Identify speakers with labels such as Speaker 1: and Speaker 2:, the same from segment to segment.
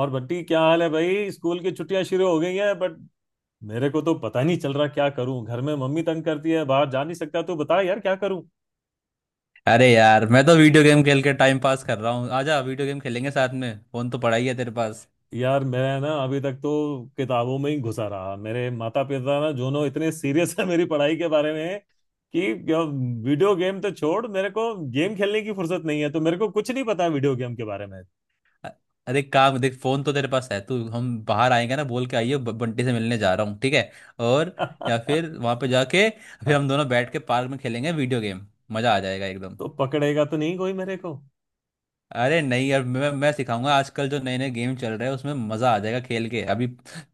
Speaker 1: और बट्टी क्या हाल है भाई। स्कूल की छुट्टियां शुरू हो गई हैं बट मेरे को तो पता नहीं चल रहा क्या करूं। घर में मम्मी तंग करती है, बाहर जा नहीं सकता, तो बता यार क्या करूं।
Speaker 2: अरे यार मैं तो वीडियो गेम खेल के टाइम पास कर रहा हूँ। आजा वीडियो गेम खेलेंगे साथ में, फोन तो पड़ा ही है तेरे पास।
Speaker 1: यार मैं ना अभी तक तो किताबों में ही घुसा रहा। मेरे माता पिता ना दोनों इतने सीरियस है मेरी पढ़ाई के बारे में कि वीडियो गेम तो छोड़, मेरे को गेम खेलने की फुर्सत नहीं है, तो मेरे को कुछ नहीं पता वीडियो गेम के बारे में।
Speaker 2: अ- अरे काम देख, फोन तो तेरे पास है। तू हम बाहर आएंगे ना, बोल के आइयो बंटी से मिलने जा रहा हूँ, ठीक है। और या फिर वहां पे जाके फिर
Speaker 1: हाँ,
Speaker 2: हम दोनों बैठ के पार्क में खेलेंगे वीडियो गेम। मजा आ जाएगा एकदम।
Speaker 1: तो पकड़ेगा तो नहीं कोई मेरे को।
Speaker 2: अरे नहीं यार, मैं सिखाऊंगा। आजकल जो नए नए गेम चल रहे हैं उसमें मजा आ जाएगा खेल के। अभी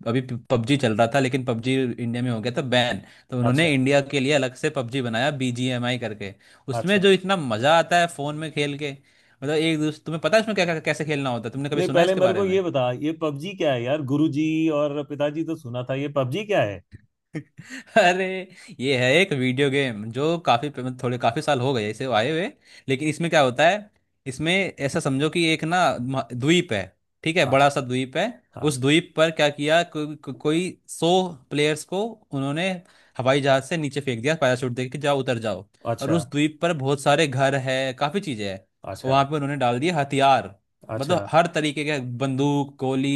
Speaker 2: अभी पबजी चल रहा था, लेकिन पबजी इंडिया में हो गया था बैन। तो
Speaker 1: अच्छा।
Speaker 2: उन्होंने इंडिया के लिए अलग से पबजी बनाया, बीजीएमआई करके। उसमें
Speaker 1: अच्छा।
Speaker 2: जो इतना मजा आता है फोन में खेल के, मतलब एक दूसरे, तुम्हें पता है उसमें क्या क्या- कैसे खेलना होता है? तुमने कभी
Speaker 1: नहीं
Speaker 2: सुना है
Speaker 1: पहले
Speaker 2: इसके
Speaker 1: मेरे
Speaker 2: बारे
Speaker 1: को
Speaker 2: में?
Speaker 1: ये बता, ये पबजी क्या है यार गुरुजी। और पिताजी, तो सुना था ये पबजी क्या है।
Speaker 2: अरे, ये है एक वीडियो गेम जो काफी, थोड़े काफी साल हो गए इसे आए हुए। लेकिन इसमें क्या होता है, इसमें ऐसा समझो कि एक ना द्वीप है। ठीक है,
Speaker 1: अच्छा।
Speaker 2: बड़ा सा द्वीप है।
Speaker 1: हाँ।
Speaker 2: उस द्वीप पर क्या किया, कोई 100 प्लेयर्स को उन्होंने हवाई जहाज से नीचे फेंक दिया, पैराशूट दे के, जाओ उतर जाओ। और
Speaker 1: अच्छा
Speaker 2: उस द्वीप पर बहुत सारे घर है, काफी चीजें हैं।
Speaker 1: अच्छा
Speaker 2: वहां पे उन्होंने डाल दिए हथियार,
Speaker 1: अच्छा
Speaker 2: मतलब हर तरीके के। बंदूक, गोली,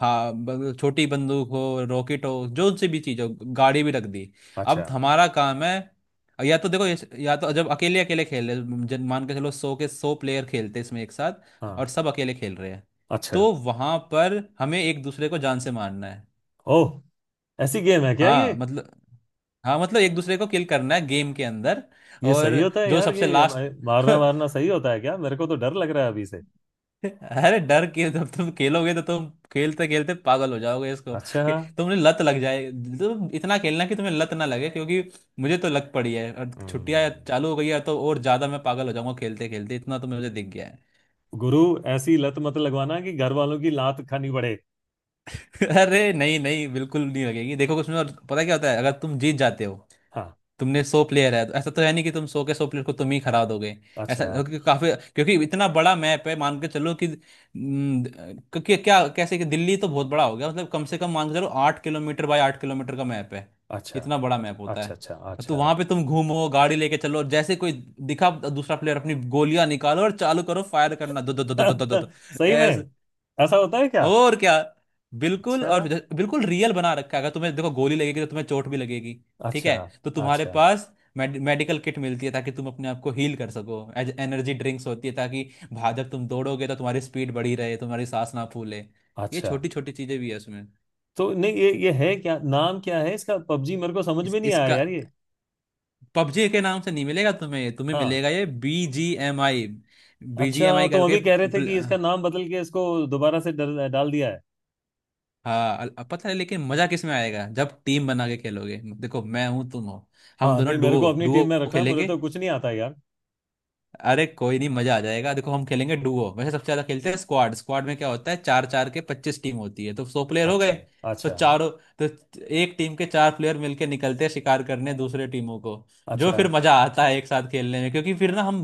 Speaker 2: हाँ, छोटी बंदूक हो, रॉकेट हो, जो सी भी चीज हो। गाड़ी भी रख दी।
Speaker 1: अच्छा।
Speaker 2: अब हमारा काम है, या तो जब अकेले अकेले खेल रहे, जन मान के चलो 100 के 100 प्लेयर खेलते इसमें एक साथ
Speaker 1: हाँ।
Speaker 2: और सब अकेले खेल रहे हैं।
Speaker 1: अच्छा।
Speaker 2: तो वहां पर हमें एक दूसरे को जान से मारना है।
Speaker 1: ओह। ऐसी गेम है क्या ये?
Speaker 2: हाँ मतलब, एक दूसरे को किल करना है गेम के अंदर।
Speaker 1: ये
Speaker 2: और
Speaker 1: सही होता है
Speaker 2: जो
Speaker 1: यार,
Speaker 2: सबसे
Speaker 1: ये
Speaker 2: लास्ट।
Speaker 1: मारना वारना सही होता है क्या? मेरे को तो डर लग रहा है अभी से।
Speaker 2: अरे, डर के जब तुम खेलोगे तो तुम खेलते खेलते पागल हो जाओगे इसको
Speaker 1: अच्छा।
Speaker 2: कि तुमने लत लग जाए। तुम इतना खेलना कि तुम्हें लत ना लगे, क्योंकि मुझे तो लग पड़ी है। और छुट्टियां
Speaker 1: हम्म।
Speaker 2: चालू हो गई है तो और ज्यादा मैं पागल हो जाऊंगा खेलते खेलते, इतना तो मुझे दिख गया है।
Speaker 1: गुरु, ऐसी लत मत लगवाना कि घर वालों की लात खानी पड़े।
Speaker 2: अरे, नहीं नहीं, बिल्कुल नहीं लगेगी। देखो उसमें और पता क्या होता है अगर तुम जीत जाते हो।
Speaker 1: हाँ।
Speaker 2: तुमने 100 प्लेयर है तो ऐसा तो है नहीं कि तुम 100 के 100 प्लेयर को तुम ही हरा दोगे। ऐसा
Speaker 1: अच्छा
Speaker 2: क्योंकि काफी, क्योंकि इतना बड़ा मैप है, मान के चलो कि क्योंकि क्या कैसे कि दिल्ली तो बहुत बड़ा हो गया, मतलब कम से कम मान के चलो 8 किलोमीटर बाय 8 किलोमीटर का मैप है।
Speaker 1: अच्छा
Speaker 2: इतना बड़ा
Speaker 1: अच्छा
Speaker 2: मैप होता
Speaker 1: अच्छा
Speaker 2: है।
Speaker 1: अच्छा
Speaker 2: तो
Speaker 1: अच्छा।
Speaker 2: वहां पे तुम घूमो, गाड़ी लेके चलो, जैसे कोई दिखा दूसरा प्लेयर अपनी गोलियां निकालो और चालू करो फायर करना, दो दो दो दो दो दो दो दो।
Speaker 1: सही में?
Speaker 2: ऐसे।
Speaker 1: ऐसा होता है क्या?
Speaker 2: और क्या, बिल्कुल।
Speaker 1: अच्छा
Speaker 2: और बिल्कुल रियल बना रखा है। अगर तुम्हें देखो गोली लगेगी तो तुम्हें चोट भी लगेगी, ठीक
Speaker 1: अच्छा
Speaker 2: है। तो तुम्हारे
Speaker 1: अच्छा
Speaker 2: पास मेडिकल किट मिलती है ताकि तुम अपने आप को हील कर सको। एज एनर्जी ड्रिंक्स होती है ताकि जब तुम दौड़ोगे तो तुम्हारी स्पीड बढ़ी रहे, तुम्हारी सांस ना फूले। ये
Speaker 1: अच्छा।
Speaker 2: छोटी छोटी चीजें भी है उसमें।
Speaker 1: तो नहीं, ये है, क्या नाम क्या है इसका? पबजी मेरे को समझ में नहीं आया
Speaker 2: इसका
Speaker 1: यार ये।
Speaker 2: पबजी के नाम से नहीं मिलेगा तुम्हें, ये तुम्हें
Speaker 1: हाँ।
Speaker 2: मिलेगा ये B G M I. B G
Speaker 1: अच्छा,
Speaker 2: एम आई
Speaker 1: तो
Speaker 2: करके।
Speaker 1: अभी कह रहे थे कि इसका नाम बदल के इसको दोबारा से डाल दिया है।
Speaker 2: हाँ, अब पता है, लेकिन मजा किस में आएगा जब टीम बना के खेलोगे। देखो मैं हूं तुम हो, हम
Speaker 1: हाँ
Speaker 2: दोनों
Speaker 1: नहीं, मेरे को
Speaker 2: डुओ
Speaker 1: अपनी टीम
Speaker 2: डुओ
Speaker 1: में रखना है, मुझे
Speaker 2: खेलेंगे।
Speaker 1: तो कुछ नहीं आता यार।
Speaker 2: अरे कोई नहीं, मजा आ जाएगा। देखो हम खेलेंगे डुओ, वैसे सबसे ज्यादा खेलते हैं स्क्वाड। स्क्वाड में क्या होता है, 4 4 के 25 टीम होती है तो 100 प्लेयर हो गए।
Speaker 1: अच्छा
Speaker 2: तो
Speaker 1: अच्छा
Speaker 2: चारों, तो एक टीम के 4 प्लेयर मिलके निकलते हैं शिकार करने दूसरे टीमों को। जो फिर
Speaker 1: अच्छा
Speaker 2: मजा आता है एक साथ खेलने में, क्योंकि फिर ना हम,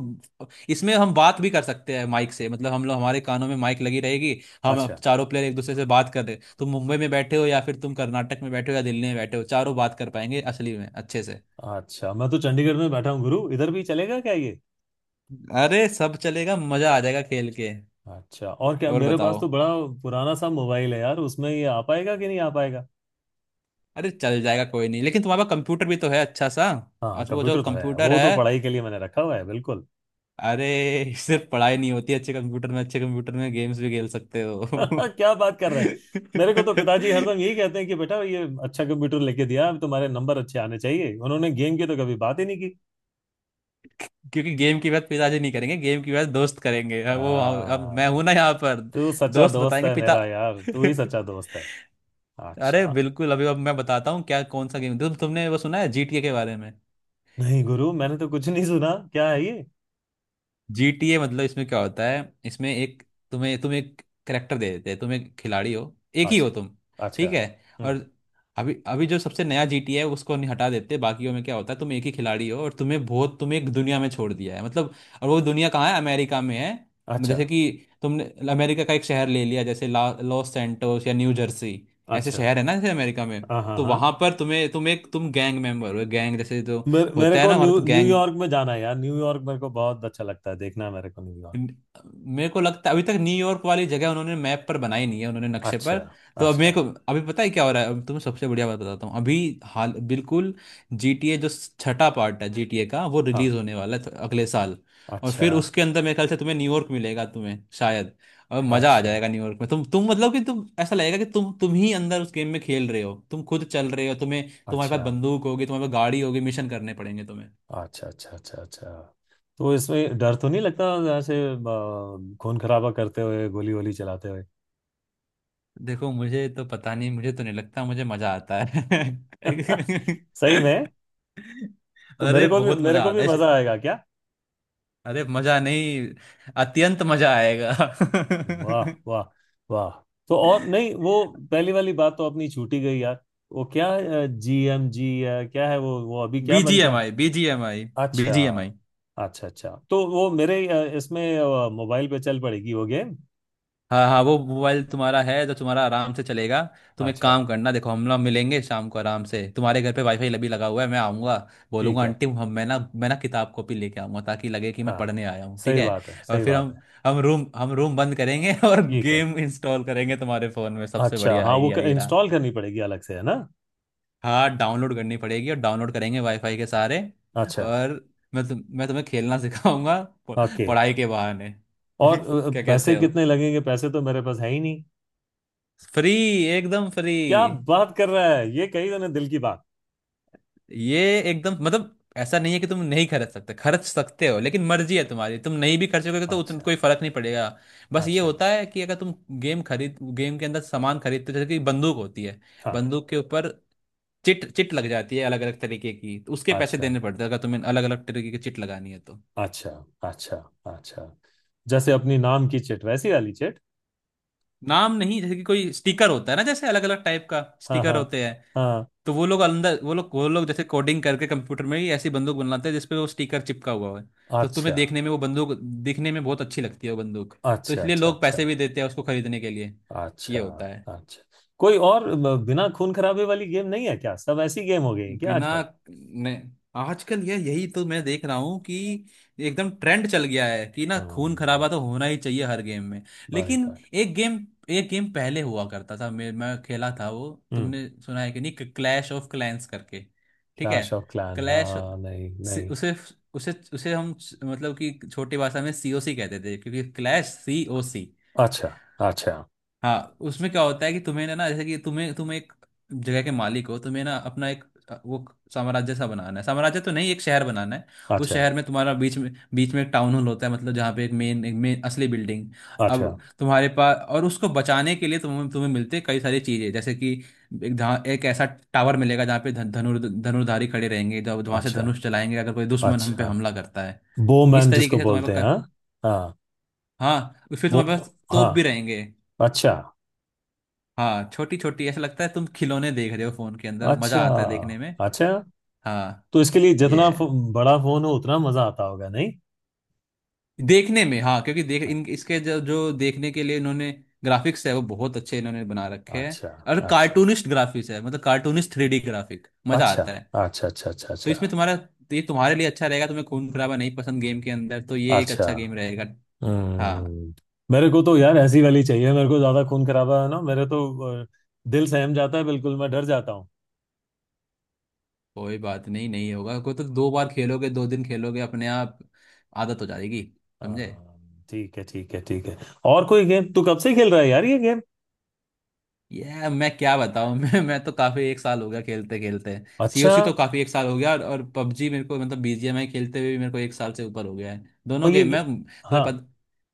Speaker 2: इसमें हम बात भी कर सकते हैं माइक से। मतलब हम लोग, हमारे कानों में माइक लगी रहेगी। हम
Speaker 1: अच्छा
Speaker 2: चारों प्लेयर एक दूसरे से बात कर रहे, तुम मुंबई में बैठे हो या फिर तुम कर्नाटक में बैठे हो या दिल्ली में बैठे हो, चारों बात कर पाएंगे असली में अच्छे से।
Speaker 1: अच्छा। मैं तो चंडीगढ़ में बैठा हूँ गुरु, इधर भी चलेगा क्या ये?
Speaker 2: अरे सब चलेगा, मजा आ जाएगा खेल के।
Speaker 1: अच्छा। और क्या?
Speaker 2: और
Speaker 1: मेरे पास
Speaker 2: बताओ।
Speaker 1: तो बड़ा पुराना सा मोबाइल है यार, उसमें ये आ पाएगा कि नहीं आ पाएगा।
Speaker 2: अरे चल जाएगा कोई नहीं, लेकिन तुम्हारे पास कंप्यूटर भी तो है अच्छा सा।
Speaker 1: हाँ
Speaker 2: आज वो जो
Speaker 1: कंप्यूटर तो है,
Speaker 2: कंप्यूटर
Speaker 1: वो
Speaker 2: है,
Speaker 1: तो पढ़ाई के लिए मैंने रखा हुआ है बिल्कुल।
Speaker 2: अरे सिर्फ पढ़ाई नहीं होती अच्छे कंप्यूटर में, गेम्स भी खेल सकते हो।
Speaker 1: क्या बात कर रहे हैं। मेरे को तो पिताजी हरदम यही कहते हैं कि बेटा ये अच्छा कंप्यूटर लेके दिया, अब तुम्हारे नंबर अच्छे आने चाहिए। उन्होंने गेम की तो कभी बात ही नहीं की।
Speaker 2: क्योंकि गेम की बात पिताजी नहीं करेंगे, गेम की बात दोस्त करेंगे। अब वो, अब मैं
Speaker 1: आ,
Speaker 2: हूं ना यहाँ पर।
Speaker 1: तू सच्चा
Speaker 2: दोस्त
Speaker 1: दोस्त
Speaker 2: बताएंगे
Speaker 1: है
Speaker 2: पिता।
Speaker 1: मेरा यार, तू ही सच्चा दोस्त है।
Speaker 2: अरे
Speaker 1: अच्छा।
Speaker 2: बिल्कुल। अभी अब मैं बताता हूँ क्या कौन सा गेम, तुमने वो सुना है जीटीए के बारे में?
Speaker 1: नहीं गुरु, मैंने तो कुछ नहीं सुना, क्या है ये?
Speaker 2: जीटीए मतलब इसमें क्या होता है, इसमें एक, तुम्हें तुम्हें एक करेक्टर दे देते हैं। तुम एक खिलाड़ी हो, एक ही
Speaker 1: अच्छा
Speaker 2: हो तुम।
Speaker 1: अच्छा।
Speaker 2: ठीक है।
Speaker 1: हम्म।
Speaker 2: और अभी अभी जो सबसे नया जीटीए है उसको नहीं हटा देते। बाकियों में क्या होता है, तुम एक ही खिलाड़ी हो और तुम्हें बहुत, तुम्हें एक दुनिया में छोड़ दिया है मतलब। और वो दुनिया कहाँ है, अमेरिका में है।
Speaker 1: अच्छा
Speaker 2: जैसे कि तुमने अमेरिका का एक शहर ले लिया, जैसे ला लॉस सैंटोस या न्यू जर्सी। ऐसे
Speaker 1: अच्छा।
Speaker 2: शहर है ना जैसे अमेरिका में।
Speaker 1: हाँ हाँ
Speaker 2: तो वहां
Speaker 1: हाँ।
Speaker 2: पर तुम्हें, तुम गैंग मेंबर हो। गैंग जैसे जो
Speaker 1: मेरे
Speaker 2: होता है
Speaker 1: को
Speaker 2: ना वहां पे, तो गैंग।
Speaker 1: न्यूयॉर्क में जाना है यार, न्यूयॉर्क मेरे को बहुत अच्छा लगता है, देखना है मेरे को न्यूयॉर्क।
Speaker 2: मेरे को लगता है अभी तक न्यूयॉर्क वाली जगह उन्होंने मैप पर बनाई नहीं है, उन्होंने नक्शे पर।
Speaker 1: अच्छा
Speaker 2: तो अब
Speaker 1: अच्छा।
Speaker 2: मेरे को, अभी पता है क्या हो रहा है। अब तुम्हें सबसे बढ़िया बात बताता हूँ अभी, हाल बिल्कुल। GTA जो छठा पार्ट है GTA का, वो रिलीज
Speaker 1: हाँ।
Speaker 2: होने वाला है अगले साल। और
Speaker 1: अच्छा
Speaker 2: फिर उसके अंदर मेरे ख्याल से तुम्हें न्यूयॉर्क मिलेगा तुम्हें शायद। और मजा आ
Speaker 1: अच्छा
Speaker 2: जाएगा न्यूयॉर्क में। तुम मतलब कि तुम, ऐसा लगेगा कि तुम ही अंदर उस गेम में खेल रहे हो, तुम खुद चल रहे हो। तुम्हें, तुम्हारे पास
Speaker 1: अच्छा
Speaker 2: बंदूक होगी, तुम्हारे पास गाड़ी होगी, मिशन करने पड़ेंगे तुम्हें।
Speaker 1: अच्छा अच्छा अच्छा अच्छा। तो इसमें डर तो नहीं लगता? ऐसे खून खराबा करते हुए गोली वोली चलाते हुए।
Speaker 2: देखो मुझे तो पता नहीं, मुझे तो नहीं लगता, मुझे मजा आता है।
Speaker 1: सही में? तो
Speaker 2: अरे बहुत
Speaker 1: मेरे
Speaker 2: मजा
Speaker 1: को भी
Speaker 2: आता है
Speaker 1: मजा आएगा क्या?
Speaker 2: अरे मजा नहीं, अत्यंत मजा आएगा।
Speaker 1: वाह वाह। वाह। तो और नहीं वो, पहली वाली बात तो अपनी छूटी गई यार। वो क्या? GMG। क्या है वो अभी क्या बन गया?
Speaker 2: बीजीएमआई, बीजीएमआई,
Speaker 1: अच्छा
Speaker 2: बीजीएमआई।
Speaker 1: अच्छा अच्छा। तो वो मेरे इसमें मोबाइल पे चल पड़ेगी वो गेम।
Speaker 2: हाँ हाँ, वो मोबाइल तुम्हारा है जो तुम्हारा आराम से चलेगा। तुम एक
Speaker 1: अच्छा।
Speaker 2: काम करना, देखो हम लोग मिलेंगे शाम को आराम से तुम्हारे घर पे। वाईफाई लबी लगा हुआ है, मैं आऊँगा।
Speaker 1: ठीक
Speaker 2: बोलूँगा
Speaker 1: है।
Speaker 2: आंटी, हम मैं ना किताब कॉपी लेके आऊँगा ताकि लगे कि मैं
Speaker 1: हाँ
Speaker 2: पढ़ने आया हूँ, ठीक
Speaker 1: सही
Speaker 2: है।
Speaker 1: बात है
Speaker 2: और
Speaker 1: सही
Speaker 2: फिर
Speaker 1: बात
Speaker 2: हम,
Speaker 1: है।
Speaker 2: हम रूम बंद करेंगे और
Speaker 1: ठीक है।
Speaker 2: गेम इंस्टॉल करेंगे तुम्हारे फ़ोन में। सबसे
Speaker 1: अच्छा
Speaker 2: बढ़िया
Speaker 1: हाँ, वो
Speaker 2: आइडिया ये
Speaker 1: इंस्टॉल
Speaker 2: रहा।
Speaker 1: करनी पड़ेगी अलग से है ना?
Speaker 2: हाँ डाउनलोड करनी पड़ेगी, और डाउनलोड करेंगे वाईफाई के सहारे।
Speaker 1: अच्छा।
Speaker 2: और मैं तुम्हें खेलना सिखाऊंगा, प-
Speaker 1: ओके।
Speaker 2: पढ़ाई के बहाने।
Speaker 1: और
Speaker 2: क्या कहते
Speaker 1: पैसे
Speaker 2: हो।
Speaker 1: कितने लगेंगे? पैसे तो मेरे पास है ही नहीं।
Speaker 2: फ्री, एकदम फ्री।
Speaker 1: क्या बात कर रहा है ये, कही तूने दिल की बात।
Speaker 2: ये एकदम, मतलब ऐसा नहीं है कि तुम नहीं खरीद सकते, खर्च सकते हो। लेकिन मर्जी है तुम्हारी, तुम नहीं भी खर्चोगे तो उतना
Speaker 1: अच्छा
Speaker 2: कोई फर्क नहीं पड़ेगा। बस ये
Speaker 1: अच्छा।
Speaker 2: होता है कि अगर तुम गेम खरीद, गेम के अंदर सामान खरीदते हो जैसे कि बंदूक होती है।
Speaker 1: हाँ।
Speaker 2: बंदूक के ऊपर चिट चिट लग जाती है अलग अलग तरीके की, तो उसके पैसे
Speaker 1: अच्छा
Speaker 2: देने पड़ते हैं अगर तुम्हें अलग अलग तरीके की चिट लगानी है तो।
Speaker 1: अच्छा अच्छा अच्छा। जैसे अपनी नाम की चिट, वैसी वाली चिट।
Speaker 2: नाम नहीं, जैसे कि कोई स्टिकर होता है ना, जैसे अलग अलग टाइप का
Speaker 1: हाँ
Speaker 2: स्टिकर
Speaker 1: हाँ।
Speaker 2: होते हैं।
Speaker 1: हाँ।
Speaker 2: तो वो लोग अंदर वो लोग जैसे कोडिंग करके कंप्यूटर में ही ऐसी बंदूक बनाते हैं जिसपे वो स्टिकर चिपका हुआ है। तो तुम्हें
Speaker 1: अच्छा
Speaker 2: देखने में वो बंदूक दिखने में बहुत अच्छी लगती है वो बंदूक। तो
Speaker 1: अच्छा
Speaker 2: इसलिए
Speaker 1: अच्छा
Speaker 2: लोग
Speaker 1: अच्छा
Speaker 2: पैसे भी देते हैं उसको खरीदने के लिए।
Speaker 1: अच्छा
Speaker 2: ये होता है।
Speaker 1: अच्छा। कोई और बिना खून खराबे वाली गेम नहीं है क्या? सब ऐसी गेम हो गई है क्या
Speaker 2: बिना
Speaker 1: आजकल?
Speaker 2: ने आजकल ये यही तो मैं देख रहा हूँ कि एकदम ट्रेंड चल गया है कि ना, खून
Speaker 1: हम्म।
Speaker 2: खराबा तो होना ही चाहिए हर गेम में।
Speaker 1: बाय
Speaker 2: लेकिन
Speaker 1: गॉड।
Speaker 2: एक गेम, पहले हुआ करता था, मैं खेला था वो।
Speaker 1: हम्म।
Speaker 2: तुमने सुना है कि नहीं, क्लैश ऑफ क्लैंस करके? ठीक है।
Speaker 1: Clash of Clan.
Speaker 2: क्लैश,
Speaker 1: हाँ नहीं नहीं।
Speaker 2: उसे उसे उसे हम मतलब कि छोटी भाषा में सीओसी कहते थे, क्योंकि क्लैश, सीओसी।
Speaker 1: अच्छा अच्छा
Speaker 2: हाँ, उसमें क्या होता है कि तुम्हें ना ना, जैसे कि तुम्हें तुम एक जगह के मालिक हो, तुम्हें ना अपना एक वो साम्राज्य सा बनाना है, साम्राज्य तो नहीं एक शहर बनाना है। उस
Speaker 1: अच्छा
Speaker 2: शहर में तुम्हारा बीच में एक टाउन हॉल होता है, मतलब जहाँ पे एक मेन असली बिल्डिंग।
Speaker 1: अच्छा
Speaker 2: अब तुम्हारे पास और उसको बचाने के लिए तुम्हें तुम्हें मिलते हैं कई सारी चीजें, जैसे कि एक जहाँ एक ऐसा टावर मिलेगा जहाँ पे धनुर्धारी खड़े रहेंगे। जब वहां से
Speaker 1: अच्छा
Speaker 2: धनुष चलाएंगे अगर कोई दुश्मन हम पे
Speaker 1: अच्छा।
Speaker 2: हमला करता है। इस
Speaker 1: बोमैन
Speaker 2: तरीके
Speaker 1: जिसको
Speaker 2: से तुम्हारे
Speaker 1: बोलते हैं,
Speaker 2: पास
Speaker 1: हाँ। हाँ।
Speaker 2: हाँ, फिर तुम्हारे पास
Speaker 1: वो। हाँ।
Speaker 2: तोप भी रहेंगे।
Speaker 1: अच्छा
Speaker 2: हाँ छोटी छोटी, ऐसा लगता है तुम खिलौने देख रहे हो फोन के अंदर, मजा
Speaker 1: अच्छा
Speaker 2: आता है देखने में।
Speaker 1: अच्छा।
Speaker 2: हाँ,
Speaker 1: तो इसके लिए
Speaker 2: ये
Speaker 1: जितना
Speaker 2: है।
Speaker 1: बड़ा फोन हो उतना मजा आता होगा नहीं?
Speaker 2: देखने में हाँ, क्योंकि देख
Speaker 1: हाँ,
Speaker 2: इन इसके जो जो देखने के लिए इन्होंने, ग्राफिक्स है वो बहुत अच्छे इन्होंने बना रखे हैं।
Speaker 1: अच्छा
Speaker 2: और
Speaker 1: अच्छा
Speaker 2: कार्टूनिस्ट ग्राफिक्स है मतलब, कार्टूनिस्ट थ्री डी ग्राफिक, मजा
Speaker 1: अच्छा
Speaker 2: आता है।
Speaker 1: अच्छा अच्छा अच्छा
Speaker 2: तो
Speaker 1: अच्छा
Speaker 2: इसमें तुम्हारा तो ये तुम्हारे लिए अच्छा रहेगा, तुम्हें खून खराबा नहीं पसंद गेम के अंदर, तो ये एक
Speaker 1: अच्छा।
Speaker 2: अच्छा गेम रहेगा। हाँ।
Speaker 1: हम्म। मेरे को तो यार ऐसी वाली चाहिए, मेरे को ज्यादा खून खराबा है ना मेरे तो अ, दिल सहम जाता है बिल्कुल, मैं डर जाता हूँ।
Speaker 2: कोई बात नहीं, नहीं होगा कोई। तो दो बार खेलोगे, दो दिन खेलोगे, अपने आप आदत हो जाएगी। समझे।
Speaker 1: हाँ, ठीक है ठीक है ठीक है। और कोई गेम तू कब से खेल रहा है यार ये गेम?
Speaker 2: ये मैं क्या बताऊं, मैं तो काफी एक साल हो गया खेलते खेलते।
Speaker 1: अच्छा।
Speaker 2: सीओसी तो काफी एक साल हो गया, और पबजी मेरे को मतलब बीजीएमआई खेलते हुए भी मेरे को एक साल से ऊपर हो गया है
Speaker 1: और
Speaker 2: दोनों गेम, मैं तुम्हें
Speaker 1: हाँ।
Speaker 2: पता।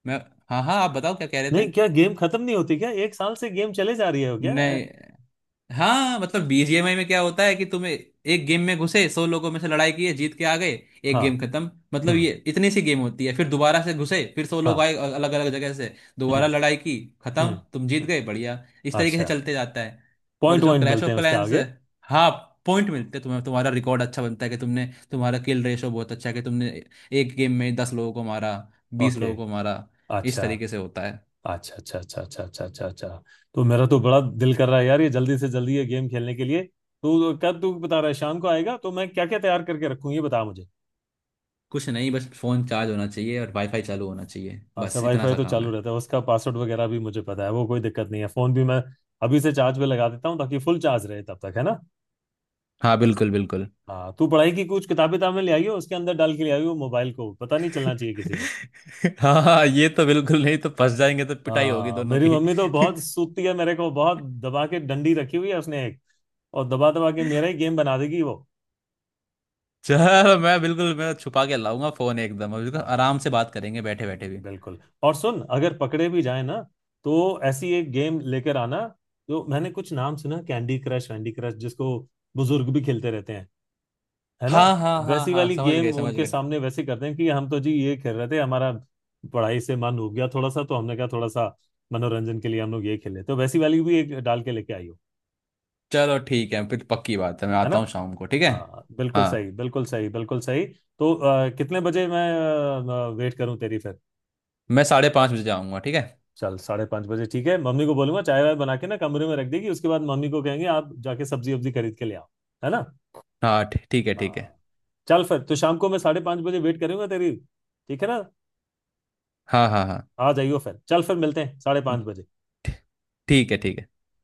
Speaker 2: मैं, हाँ हाँ, आप बताओ क्या कह रहे थे।
Speaker 1: नहीं क्या गेम खत्म नहीं होती क्या? एक साल से गेम चले जा रही है क्या
Speaker 2: नहीं, हाँ मतलब बीजीएमआई में क्या होता है कि तुम एक गेम में घुसे, 100 लोगों में से लड़ाई की है, जीत के आ गए, एक
Speaker 1: हाँ।
Speaker 2: गेम खत्म। मतलब
Speaker 1: हम्म।
Speaker 2: ये इतनी सी गेम होती है। फिर दोबारा से घुसे, फिर सौ
Speaker 1: हाँ।
Speaker 2: लोग आए अलग अलग जगह से,
Speaker 1: हम्म।
Speaker 2: दोबारा लड़ाई की,
Speaker 1: हम्म।
Speaker 2: खत्म, तुम जीत
Speaker 1: हम्म,
Speaker 2: गए, बढ़िया। इस तरीके से
Speaker 1: अच्छा।
Speaker 2: चलते जाता है। और
Speaker 1: पॉइंट
Speaker 2: जो
Speaker 1: पॉइंट
Speaker 2: क्लैश
Speaker 1: मिलते
Speaker 2: ऑफ
Speaker 1: हैं उसके
Speaker 2: क्लैंस है,
Speaker 1: आगे?
Speaker 2: हाँ, पॉइंट मिलते हैं तुम्हें, तुम्हारा रिकॉर्ड अच्छा बनता है कि तुमने, तुम्हारा किल रेशो बहुत अच्छा है कि तुमने एक गेम में 10 लोगों को मारा, बीस
Speaker 1: ओके।
Speaker 2: लोगों को मारा। इस
Speaker 1: अच्छा
Speaker 2: तरीके से होता है।
Speaker 1: अच्छा अच्छा अच्छा अच्छा अच्छा अच्छा अच्छा। तो मेरा तो बड़ा दिल कर रहा है यार ये जल्दी से जल्दी ये गेम खेलने के लिए। तू कब, तू बता रहा है शाम को आएगा, तो मैं क्या क्या तैयार करके रखूँ ये बता मुझे।
Speaker 2: कुछ नहीं, बस फोन चार्ज होना चाहिए और वाईफाई चालू होना चाहिए,
Speaker 1: अच्छा
Speaker 2: बस इतना
Speaker 1: वाईफाई
Speaker 2: सा
Speaker 1: तो
Speaker 2: काम
Speaker 1: चालू
Speaker 2: है।
Speaker 1: रहता है, उसका पासवर्ड वगैरह भी मुझे पता है, वो कोई दिक्कत नहीं है। फोन भी मैं अभी से चार्ज पे लगा देता हूँ ताकि फुल चार्ज रहे तब तक, है ना।
Speaker 2: हाँ बिल्कुल, बिल्कुल।
Speaker 1: हाँ तू पढ़ाई की कुछ किताबें ताबें ले आई हो, उसके अंदर डाल के ले आई हो मोबाइल को, पता नहीं चलना चाहिए किसी को।
Speaker 2: हाँ हाँ, ये तो बिल्कुल नहीं, तो फंस जाएंगे तो पिटाई होगी
Speaker 1: हाँ
Speaker 2: दोनों
Speaker 1: मेरी
Speaker 2: की।
Speaker 1: मम्मी तो बहुत सूती है, मेरे को बहुत दबा के डंडी रखी हुई है उसने एक, और दबा दबा के मेरा ही गेम बना देगी वो।
Speaker 2: चल, मैं छुपा के लाऊंगा फोन एकदम। अभी तो
Speaker 1: हाँ
Speaker 2: आराम से बात करेंगे बैठे बैठे भी।
Speaker 1: बिल्कुल। और सुन, अगर पकड़े भी जाए ना, तो ऐसी एक गेम लेकर आना, जो मैंने कुछ नाम सुना, कैंडी क्रश वैंडी क्रश जिसको बुजुर्ग भी खेलते रहते हैं, है ना?
Speaker 2: हाँ हाँ हाँ
Speaker 1: वैसी
Speaker 2: हाँ,
Speaker 1: वाली
Speaker 2: समझ
Speaker 1: गेम
Speaker 2: गए, समझ
Speaker 1: उनके
Speaker 2: गए।
Speaker 1: सामने वैसे करते हैं कि हम तो जी ये खेल रहे थे, हमारा पढ़ाई से मन हो गया थोड़ा सा, तो हमने कहा थोड़ा सा मनोरंजन के लिए हम लोग ये खेले। तो वैसी वाली भी एक डाल के लेके आई हो,
Speaker 2: चलो ठीक है, फिर पक्की बात है, मैं
Speaker 1: है ना?
Speaker 2: आता हूँ शाम को, ठीक है।
Speaker 1: हाँ बिल्कुल
Speaker 2: हाँ,
Speaker 1: सही, बिल्कुल सही, बिल्कुल सही। तो कितने बजे मैं वेट करूं तेरी फिर?
Speaker 2: मैं 5:30 बजे जाऊँगा, ठीक है।
Speaker 1: चल 5:30 बजे ठीक है। मम्मी को बोलूंगा चाय वाय बना के ना कमरे में रख देगी, उसके बाद मम्मी को कहेंगे आप जाके सब्जी वब्जी खरीद के ले आओ, है ना?
Speaker 2: हाँ ठीक है, ठीक है।
Speaker 1: हाँ। चल फिर तो शाम को मैं 5:30 बजे वेट करूंगा तेरी। ठीक है ना?
Speaker 2: हाँ हाँ हाँ,
Speaker 1: आ जाइयो फिर, चल फिर मिलते हैं 5:30 बजे।
Speaker 2: ठीक है, ठीक है।